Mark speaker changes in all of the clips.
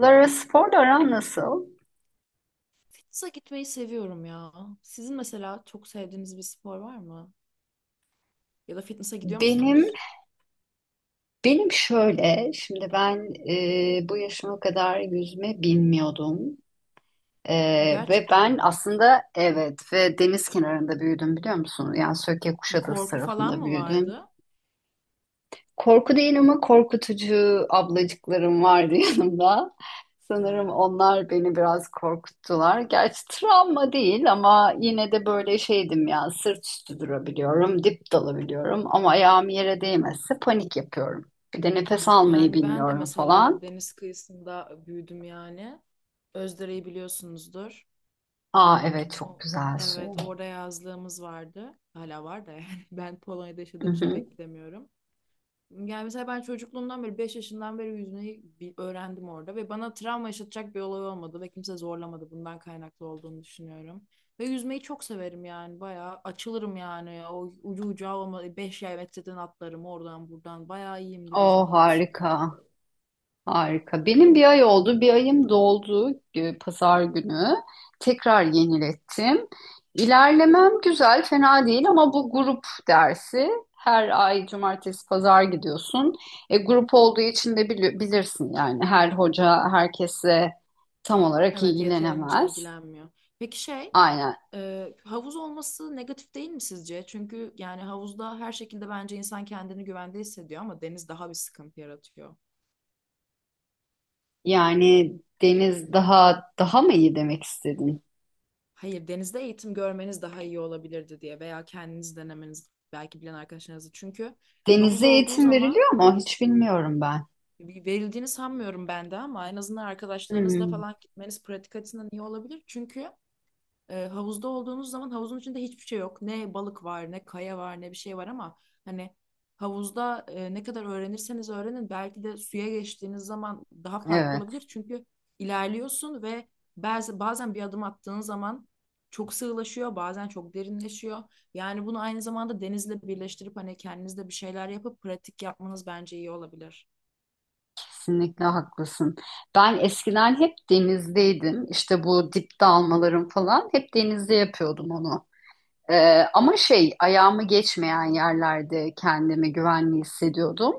Speaker 1: Lara sporla aran nasıl?
Speaker 2: Fitness'a gitmeyi seviyorum ya. Sizin mesela çok sevdiğiniz bir spor var mı? Ya da fitness'a gidiyor
Speaker 1: Benim
Speaker 2: musunuz?
Speaker 1: benim şöyle şimdi ben bu yaşıma kadar yüzme bilmiyordum. E,
Speaker 2: Ha,
Speaker 1: Ve
Speaker 2: gerçekten
Speaker 1: ben
Speaker 2: mi?
Speaker 1: aslında, evet, ve deniz kenarında büyüdüm biliyor musun? Yani Söke
Speaker 2: Bir
Speaker 1: Kuşadası
Speaker 2: korku falan
Speaker 1: tarafında
Speaker 2: mı
Speaker 1: büyüdüm.
Speaker 2: vardı?
Speaker 1: Korku değil ama korkutucu ablacıklarım vardı yanımda.
Speaker 2: Ha.
Speaker 1: Sanırım onlar beni biraz korkuttular. Gerçi travma değil ama yine de böyle şeydim ya, sırt üstü durabiliyorum, dip dalabiliyorum ama ayağım yere değmezse panik yapıyorum. Bir de nefes
Speaker 2: Evet
Speaker 1: almayı
Speaker 2: yani ben de
Speaker 1: bilmiyorum
Speaker 2: mesela
Speaker 1: falan.
Speaker 2: deniz kıyısında büyüdüm yani. Özdere'yi biliyorsunuzdur.
Speaker 1: Aa,
Speaker 2: Ee,
Speaker 1: evet, çok
Speaker 2: o,
Speaker 1: güzel suyu.
Speaker 2: evet orada yazlığımız vardı. Hala var da yani ben Polonya'da
Speaker 1: Hı
Speaker 2: yaşadığım için
Speaker 1: hı.
Speaker 2: pek gidemiyorum. Yani mesela ben çocukluğumdan beri 5 yaşından beri yüzmeyi öğrendim orada ve bana travma yaşatacak bir olay olmadı ve kimse zorlamadı, bundan kaynaklı olduğunu düşünüyorum. Ve yüzmeyi çok severim yani bayağı açılırım yani o ucu ucağı olma, 5 yay metreden atlarım oradan buradan, bayağı iyiyimdir yüzme
Speaker 1: Oo,
Speaker 2: konusunda.
Speaker 1: harika. Harika. Benim bir ay oldu. Bir ayım doldu pazar günü. Tekrar yenilettim. İlerlemem güzel, fena değil ama bu grup dersi. Her ay cumartesi pazar gidiyorsun. Grup olduğu için de bilirsin, yani her hoca herkese tam olarak
Speaker 2: Evet, yeterince
Speaker 1: ilgilenemez.
Speaker 2: ilgilenmiyor. Peki,
Speaker 1: Aynen.
Speaker 2: havuz olması negatif değil mi sizce? Çünkü yani havuzda her şekilde bence insan kendini güvende hissediyor ama deniz daha bir sıkıntı yaratıyor.
Speaker 1: Yani, Deniz daha mı iyi demek istedin?
Speaker 2: Hayır, denizde eğitim görmeniz daha iyi olabilirdi diye, veya kendiniz denemeniz belki, bilen arkadaşlarınızı. Çünkü havuz
Speaker 1: Deniz'e
Speaker 2: olduğu
Speaker 1: eğitim
Speaker 2: zaman
Speaker 1: veriliyor mu? Hiç bilmiyorum ben.
Speaker 2: verildiğini sanmıyorum ben de, ama en azından arkadaşlarınızla
Speaker 1: Hmm,
Speaker 2: falan gitmeniz pratik açısından iyi olabilir. Çünkü havuzda olduğunuz zaman havuzun içinde hiçbir şey yok. Ne balık var, ne kaya var, ne bir şey var ama hani havuzda ne kadar öğrenirseniz öğrenin, belki de suya geçtiğiniz zaman daha farklı
Speaker 1: evet.
Speaker 2: olabilir. Çünkü ilerliyorsun ve bazen bir adım attığın zaman çok sığlaşıyor, bazen çok derinleşiyor. Yani bunu aynı zamanda denizle birleştirip hani kendinizde bir şeyler yapıp pratik yapmanız bence iyi olabilir.
Speaker 1: Kesinlikle haklısın. Ben eskiden hep denizdeydim. İşte bu dip dalmalarım falan hep denizde yapıyordum onu. Ama şey, ayağımı geçmeyen yerlerde kendimi güvenli hissediyordum.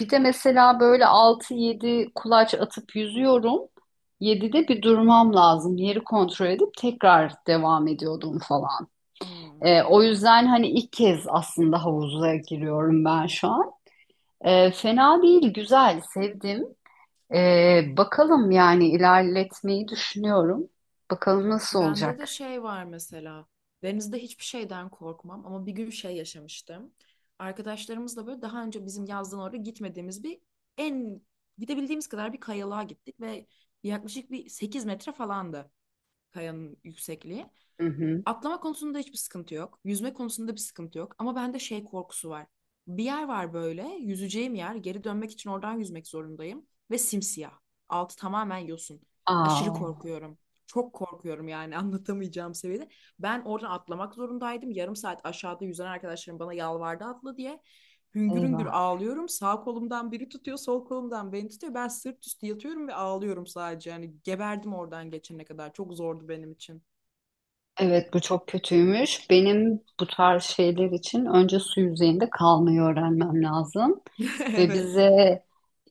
Speaker 1: Bir de mesela böyle altı yedi kulaç atıp yüzüyorum. 7'de bir durmam lazım. Yeri kontrol edip tekrar devam ediyordum falan.
Speaker 2: Hmm.
Speaker 1: O yüzden hani ilk kez aslında havuza giriyorum ben şu an. Fena değil, güzel, sevdim. Bakalım, yani ilerletmeyi düşünüyorum. Bakalım nasıl
Speaker 2: Bende de
Speaker 1: olacak.
Speaker 2: şey var mesela. Denizde hiçbir şeyden korkmam ama bir gün şey yaşamıştım. Arkadaşlarımızla böyle daha önce bizim yazdan oraya gitmediğimiz bir en gidebildiğimiz kadar bir kayalığa gittik ve yaklaşık bir 8 metre falandı kayanın yüksekliği.
Speaker 1: Hı hı.
Speaker 2: Atlama konusunda hiçbir sıkıntı yok. Yüzme konusunda bir sıkıntı yok. Ama bende şey korkusu var. Bir yer var böyle, yüzeceğim yer. Geri dönmek için oradan yüzmek zorundayım. Ve simsiyah. Altı tamamen yosun. Aşırı
Speaker 1: Aa,
Speaker 2: korkuyorum. Çok korkuyorum yani anlatamayacağım seviyede. Ben oradan atlamak zorundaydım. Yarım saat aşağıda yüzen arkadaşlarım bana yalvardı atla diye. Hüngür hüngür
Speaker 1: eyvah.
Speaker 2: ağlıyorum. Sağ kolumdan biri tutuyor, sol kolumdan beni tutuyor. Ben sırt üstü yatıyorum ve ağlıyorum sadece. Yani geberdim oradan geçene kadar. Çok zordu benim için.
Speaker 1: Evet, bu çok kötüymüş. Benim bu tarz şeyler için önce su yüzeyinde kalmayı öğrenmem lazım. Ve
Speaker 2: Evet.
Speaker 1: bize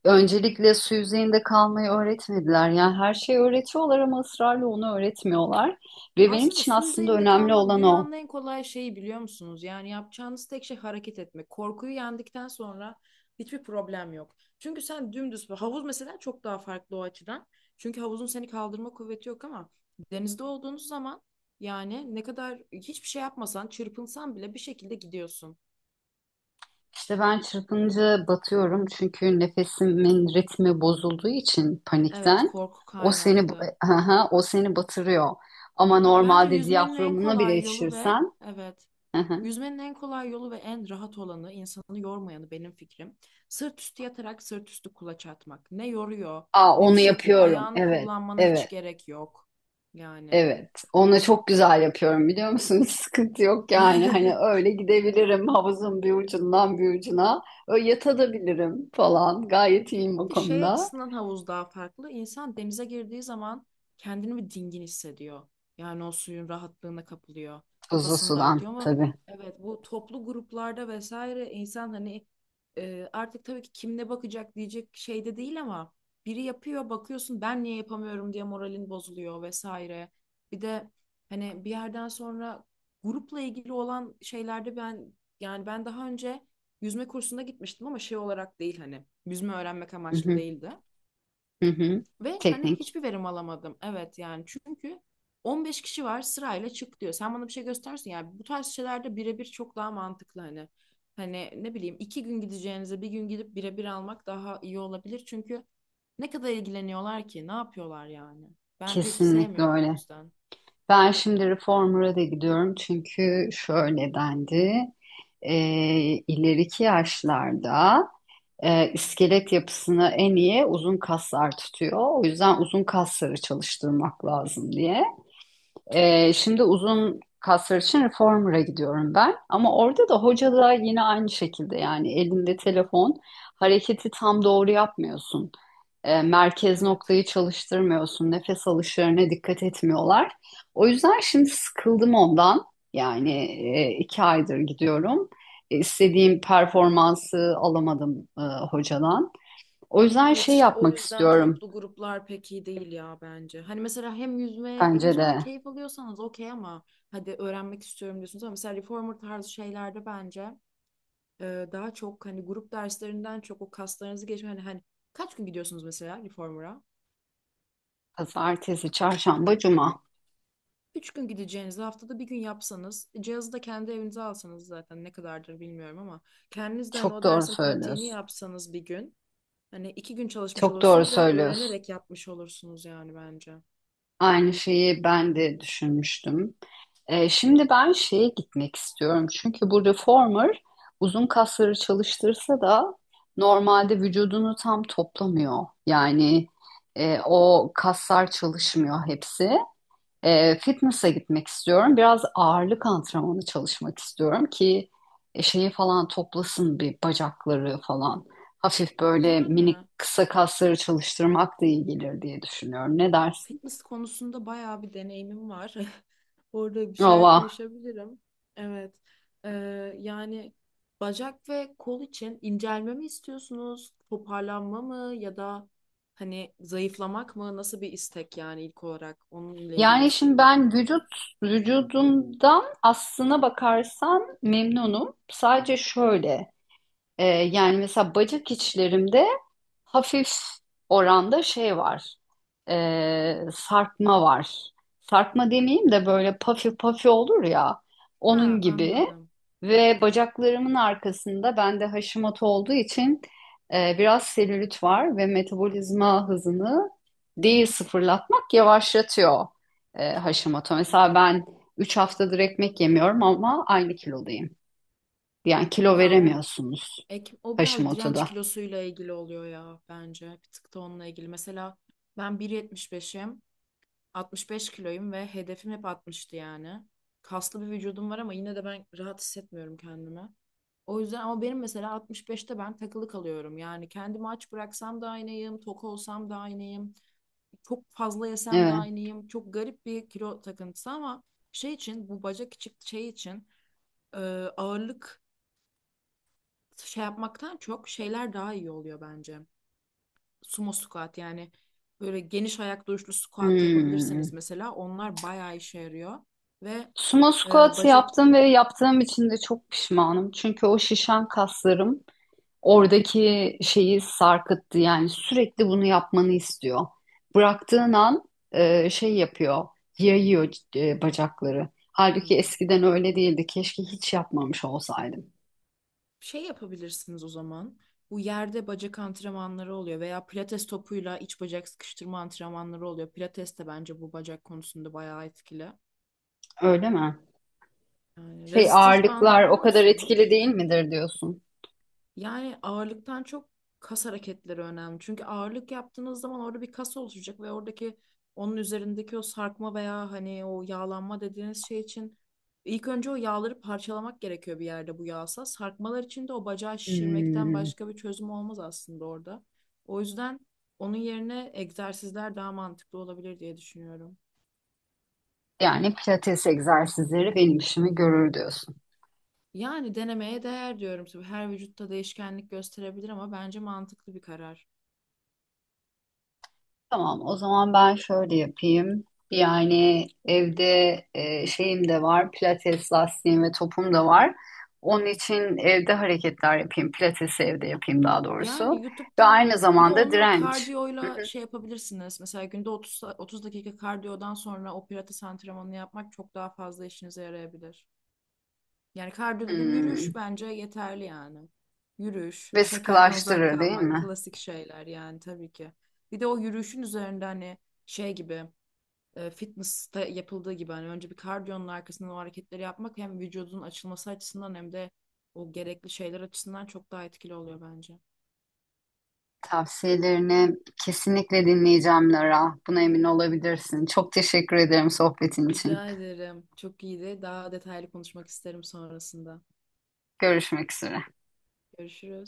Speaker 1: öncelikle su yüzeyinde kalmayı öğretmediler. Yani her şeyi öğretiyorlar ama ısrarla onu öğretmiyorlar. Ve benim
Speaker 2: Aslında
Speaker 1: için
Speaker 2: su
Speaker 1: aslında
Speaker 2: üzerinde
Speaker 1: önemli
Speaker 2: kalmak
Speaker 1: olan o.
Speaker 2: dünyanın en kolay şeyi biliyor musunuz? Yani yapacağınız tek şey hareket etmek. Korkuyu yendikten sonra hiçbir problem yok. Çünkü sen dümdüz havuz mesela çok daha farklı o açıdan. Çünkü havuzun seni kaldırma kuvveti yok ama denizde olduğunuz zaman yani ne kadar hiçbir şey yapmasan, çırpınsan bile bir şekilde gidiyorsun.
Speaker 1: İşte ben çırpınca batıyorum, çünkü nefesimin ritmi bozulduğu için
Speaker 2: Evet,
Speaker 1: panikten
Speaker 2: korku
Speaker 1: o seni
Speaker 2: kaynaklı.
Speaker 1: aha, o seni batırıyor. Ama
Speaker 2: Bence
Speaker 1: normalde
Speaker 2: yüzmenin en
Speaker 1: diyaframına bile
Speaker 2: kolay yolu, ve
Speaker 1: yetişirsen
Speaker 2: evet.
Speaker 1: aha.
Speaker 2: Yüzmenin en kolay yolu ve en rahat olanı, insanı yormayanı, benim fikrim, sırt üstü yatarak sırt üstü kulaç atmak. Ne yoruyor,
Speaker 1: Aa,
Speaker 2: ne bir
Speaker 1: onu
Speaker 2: şey yapıyor.
Speaker 1: yapıyorum.
Speaker 2: Ayağını
Speaker 1: Evet,
Speaker 2: kullanmana hiç
Speaker 1: evet,
Speaker 2: gerek yok. Yani.
Speaker 1: evet. Onu çok güzel yapıyorum biliyor musun? Hiç sıkıntı yok yani. Hani öyle gidebilirim havuzun bir ucundan bir ucuna. Öyle yatabilirim falan. Gayet iyiyim bu
Speaker 2: Bir de şey
Speaker 1: konuda.
Speaker 2: açısından havuz daha farklı. İnsan denize girdiği zaman kendini bir dingin hissediyor. Yani o suyun rahatlığına kapılıyor.
Speaker 1: Tuzlu
Speaker 2: Kafasını
Speaker 1: sudan
Speaker 2: dağıtıyor ama
Speaker 1: tabii.
Speaker 2: evet, bu toplu gruplarda vesaire insan hani artık tabii ki kim ne bakacak diyecek şeyde değil ama biri yapıyor bakıyorsun ben niye yapamıyorum diye moralin bozuluyor vesaire. Bir de hani bir yerden sonra grupla ilgili olan şeylerde ben, yani ben daha önce yüzme kursuna gitmiştim ama şey olarak değil, hani yüzme öğrenmek
Speaker 1: Hı
Speaker 2: amaçlı
Speaker 1: hı,
Speaker 2: değildi.
Speaker 1: hı hı.
Speaker 2: Ve hani
Speaker 1: Teknik.
Speaker 2: hiçbir verim alamadım. Evet yani çünkü 15 kişi var sırayla çık diyor. Sen bana bir şey göstersin, yani bu tarz şeylerde birebir çok daha mantıklı hani. Hani ne bileyim 2 gün gideceğinize bir gün gidip birebir almak daha iyi olabilir. Çünkü ne kadar ilgileniyorlar ki, ne yapıyorlar yani. Ben pek
Speaker 1: Kesinlikle
Speaker 2: sevmiyorum o
Speaker 1: öyle.
Speaker 2: yüzden.
Speaker 1: Ben şimdi reformer'a da gidiyorum çünkü şöyle dendi. E, ileriki yaşlarda iskelet yapısını en iyi uzun kaslar tutuyor. O yüzden uzun kasları çalıştırmak lazım diye. Şimdi uzun kaslar için reformer'a gidiyorum ben. Ama orada da hoca da yine aynı şekilde, yani elinde telefon, hareketi tam doğru yapmıyorsun, merkez
Speaker 2: Evet
Speaker 1: noktayı çalıştırmıyorsun. Nefes alışlarına dikkat etmiyorlar. O yüzden şimdi sıkıldım ondan. Yani 2 aydır gidiyorum. İstediğim performansı alamadım hocadan. O yüzden
Speaker 2: Evet
Speaker 1: şey
Speaker 2: işte o
Speaker 1: yapmak
Speaker 2: yüzden
Speaker 1: istiyorum.
Speaker 2: toplu gruplar pek iyi değil ya bence. Hani mesela hem yüzme,
Speaker 1: Bence
Speaker 2: yüzmeden
Speaker 1: de
Speaker 2: keyif alıyorsanız okey ama hadi öğrenmek istiyorum diyorsunuz, ama mesela reformer tarzı şeylerde bence daha çok hani grup derslerinden çok o kaslarınızı geçme, hani kaç gün gidiyorsunuz mesela reformer'a?
Speaker 1: pazartesi, çarşamba, cuma.
Speaker 2: 3 gün gideceğinizi haftada bir gün yapsanız, cihazı da kendi evinize alsanız, zaten ne kadardır bilmiyorum ama, kendiniz de hani
Speaker 1: Çok
Speaker 2: o
Speaker 1: doğru
Speaker 2: dersin pratiğini
Speaker 1: söylüyorsun.
Speaker 2: yapsanız bir gün, hani 2 gün çalışmış
Speaker 1: Çok doğru
Speaker 2: olursunuz ve
Speaker 1: söylüyorsun.
Speaker 2: öğrenerek yapmış olursunuz yani bence.
Speaker 1: Aynı şeyi ben de düşünmüştüm. Şimdi ben şeye gitmek istiyorum. Çünkü bu reformer uzun kasları çalıştırsa da normalde vücudunu tam toplamıyor. Yani o kaslar çalışmıyor hepsi. Fitness'a gitmek istiyorum. Biraz ağırlık antrenmanı çalışmak istiyorum ki şeyi falan toplasın, bir bacakları falan. Hafif böyle minik
Speaker 2: Yani
Speaker 1: kısa kasları çalıştırmak da iyi gelir diye düşünüyorum. Ne dersin?
Speaker 2: fitness konusunda bayağı bir deneyimim var. Orada bir şeyler konuşabilirim. Evet. Ee, yani bacak ve kol için incelme mi istiyorsunuz? Toparlanma mı, ya da hani zayıflamak mı? Nasıl bir istek yani, ilk olarak onunla ilgili
Speaker 1: Yani şimdi
Speaker 2: soru.
Speaker 1: ben vücudumdan, aslına bakarsan, memnunum. Sadece şöyle, yani mesela bacak içlerimde hafif oranda şey var. e, Sarkma var. Sarkma demeyeyim de, böyle pafi pafi olur ya. Onun
Speaker 2: Ha,
Speaker 1: gibi.
Speaker 2: anladım.
Speaker 1: Ve bacaklarımın arkasında, bende Hashimoto olduğu için, biraz selülit var ve metabolizma hızını, değil sıfırlatmak, yavaşlatıyor Hashimoto. Mesela ben 3 haftadır ekmek yemiyorum ama aynı kilodayım. Yani kilo
Speaker 2: Ya
Speaker 1: veremiyorsunuz
Speaker 2: o biraz direnç
Speaker 1: Hashimoto'da.
Speaker 2: kilosuyla ilgili oluyor ya bence. Bir tık da onunla ilgili. Mesela ben 1.75'im. 65 kiloyum ve hedefim hep 60'tı yani. Kaslı bir vücudum var ama yine de ben rahat hissetmiyorum kendimi. O yüzden, ama benim mesela 65'te ben takılı kalıyorum. Yani kendimi aç bıraksam da aynıyım, tok olsam da aynıyım, çok fazla yesem de
Speaker 1: Evet.
Speaker 2: aynıyım. Çok garip bir kilo takıntısı ama şey için, bu bacak içi şey için, e, ağırlık şey yapmaktan çok şeyler daha iyi oluyor bence, sumo squat yani, böyle geniş ayak duruşlu squat
Speaker 1: Hmm.
Speaker 2: yapabilirseniz mesela onlar bayağı işe yarıyor. Ve
Speaker 1: Sumo
Speaker 2: e,
Speaker 1: squat
Speaker 2: bacak
Speaker 1: yaptım ve yaptığım için de çok pişmanım. Çünkü o şişen kaslarım oradaki şeyi sarkıttı. Yani sürekli bunu yapmanı istiyor. Bıraktığın an şey yapıyor, yayıyor bacakları. Halbuki
Speaker 2: hmm,
Speaker 1: eskiden öyle değildi. Keşke hiç yapmamış olsaydım.
Speaker 2: şey yapabilirsiniz o zaman. Bu yerde bacak antrenmanları oluyor, veya pilates topuyla iç bacak sıkıştırma antrenmanları oluyor. Pilates de bence bu bacak konusunda bayağı etkili.
Speaker 1: Öyle mi?
Speaker 2: Yani
Speaker 1: Şey,
Speaker 2: resistance bandı
Speaker 1: ağırlıklar o
Speaker 2: biliyor
Speaker 1: kadar etkili
Speaker 2: musunuz?
Speaker 1: değil midir diyorsun?
Speaker 2: Yani ağırlıktan çok kas hareketleri önemli. Çünkü ağırlık yaptığınız zaman orada bir kas oluşacak ve oradaki, onun üzerindeki o sarkma veya hani o yağlanma dediğiniz şey için, ilk önce o yağları parçalamak gerekiyor bir yerde, bu yağsa. Sarkmalar için de o bacağı şişirmekten
Speaker 1: Hmm,
Speaker 2: başka bir çözüm olmaz aslında orada. O yüzden onun yerine egzersizler daha mantıklı olabilir diye düşünüyorum.
Speaker 1: yani pilates egzersizleri benim işimi görür diyorsun.
Speaker 2: Yani denemeye değer diyorum. Tabii her vücutta değişkenlik gösterebilir ama bence mantıklı bir karar.
Speaker 1: Tamam, o zaman ben şöyle yapayım. Yani evde şeyim de var, pilates lastiğim ve topum da var. Onun için evde hareketler yapayım, pilatesi evde yapayım daha
Speaker 2: Yani
Speaker 1: doğrusu. Ve
Speaker 2: YouTube'dan
Speaker 1: aynı
Speaker 2: bir de
Speaker 1: zamanda
Speaker 2: onu
Speaker 1: direnç. Hı
Speaker 2: kardiyoyla
Speaker 1: hı.
Speaker 2: şey yapabilirsiniz. Mesela günde 30, 30 dakika kardiyodan sonra o pilates antrenmanını yapmak çok daha fazla işinize yarayabilir. Yani kardiyo dediğim
Speaker 1: Hmm.
Speaker 2: yürüyüş bence yeterli yani. Yürüyüş,
Speaker 1: Ve
Speaker 2: şekerden uzak
Speaker 1: sıkılaştırır değil
Speaker 2: kalmak,
Speaker 1: mi?
Speaker 2: klasik şeyler yani tabii ki. Bir de o yürüyüşün üzerinde hani şey gibi, fitness'ta yapıldığı gibi hani önce bir kardiyonun arkasından o hareketleri yapmak, hem vücudun açılması açısından hem de o gerekli şeyler açısından çok daha etkili oluyor bence.
Speaker 1: Tavsiyelerini kesinlikle dinleyeceğim Lara. Buna emin olabilirsin. Çok teşekkür ederim sohbetin için.
Speaker 2: Rica ederim. Çok iyiydi. Daha detaylı konuşmak isterim sonrasında.
Speaker 1: Görüşmek üzere.
Speaker 2: Görüşürüz.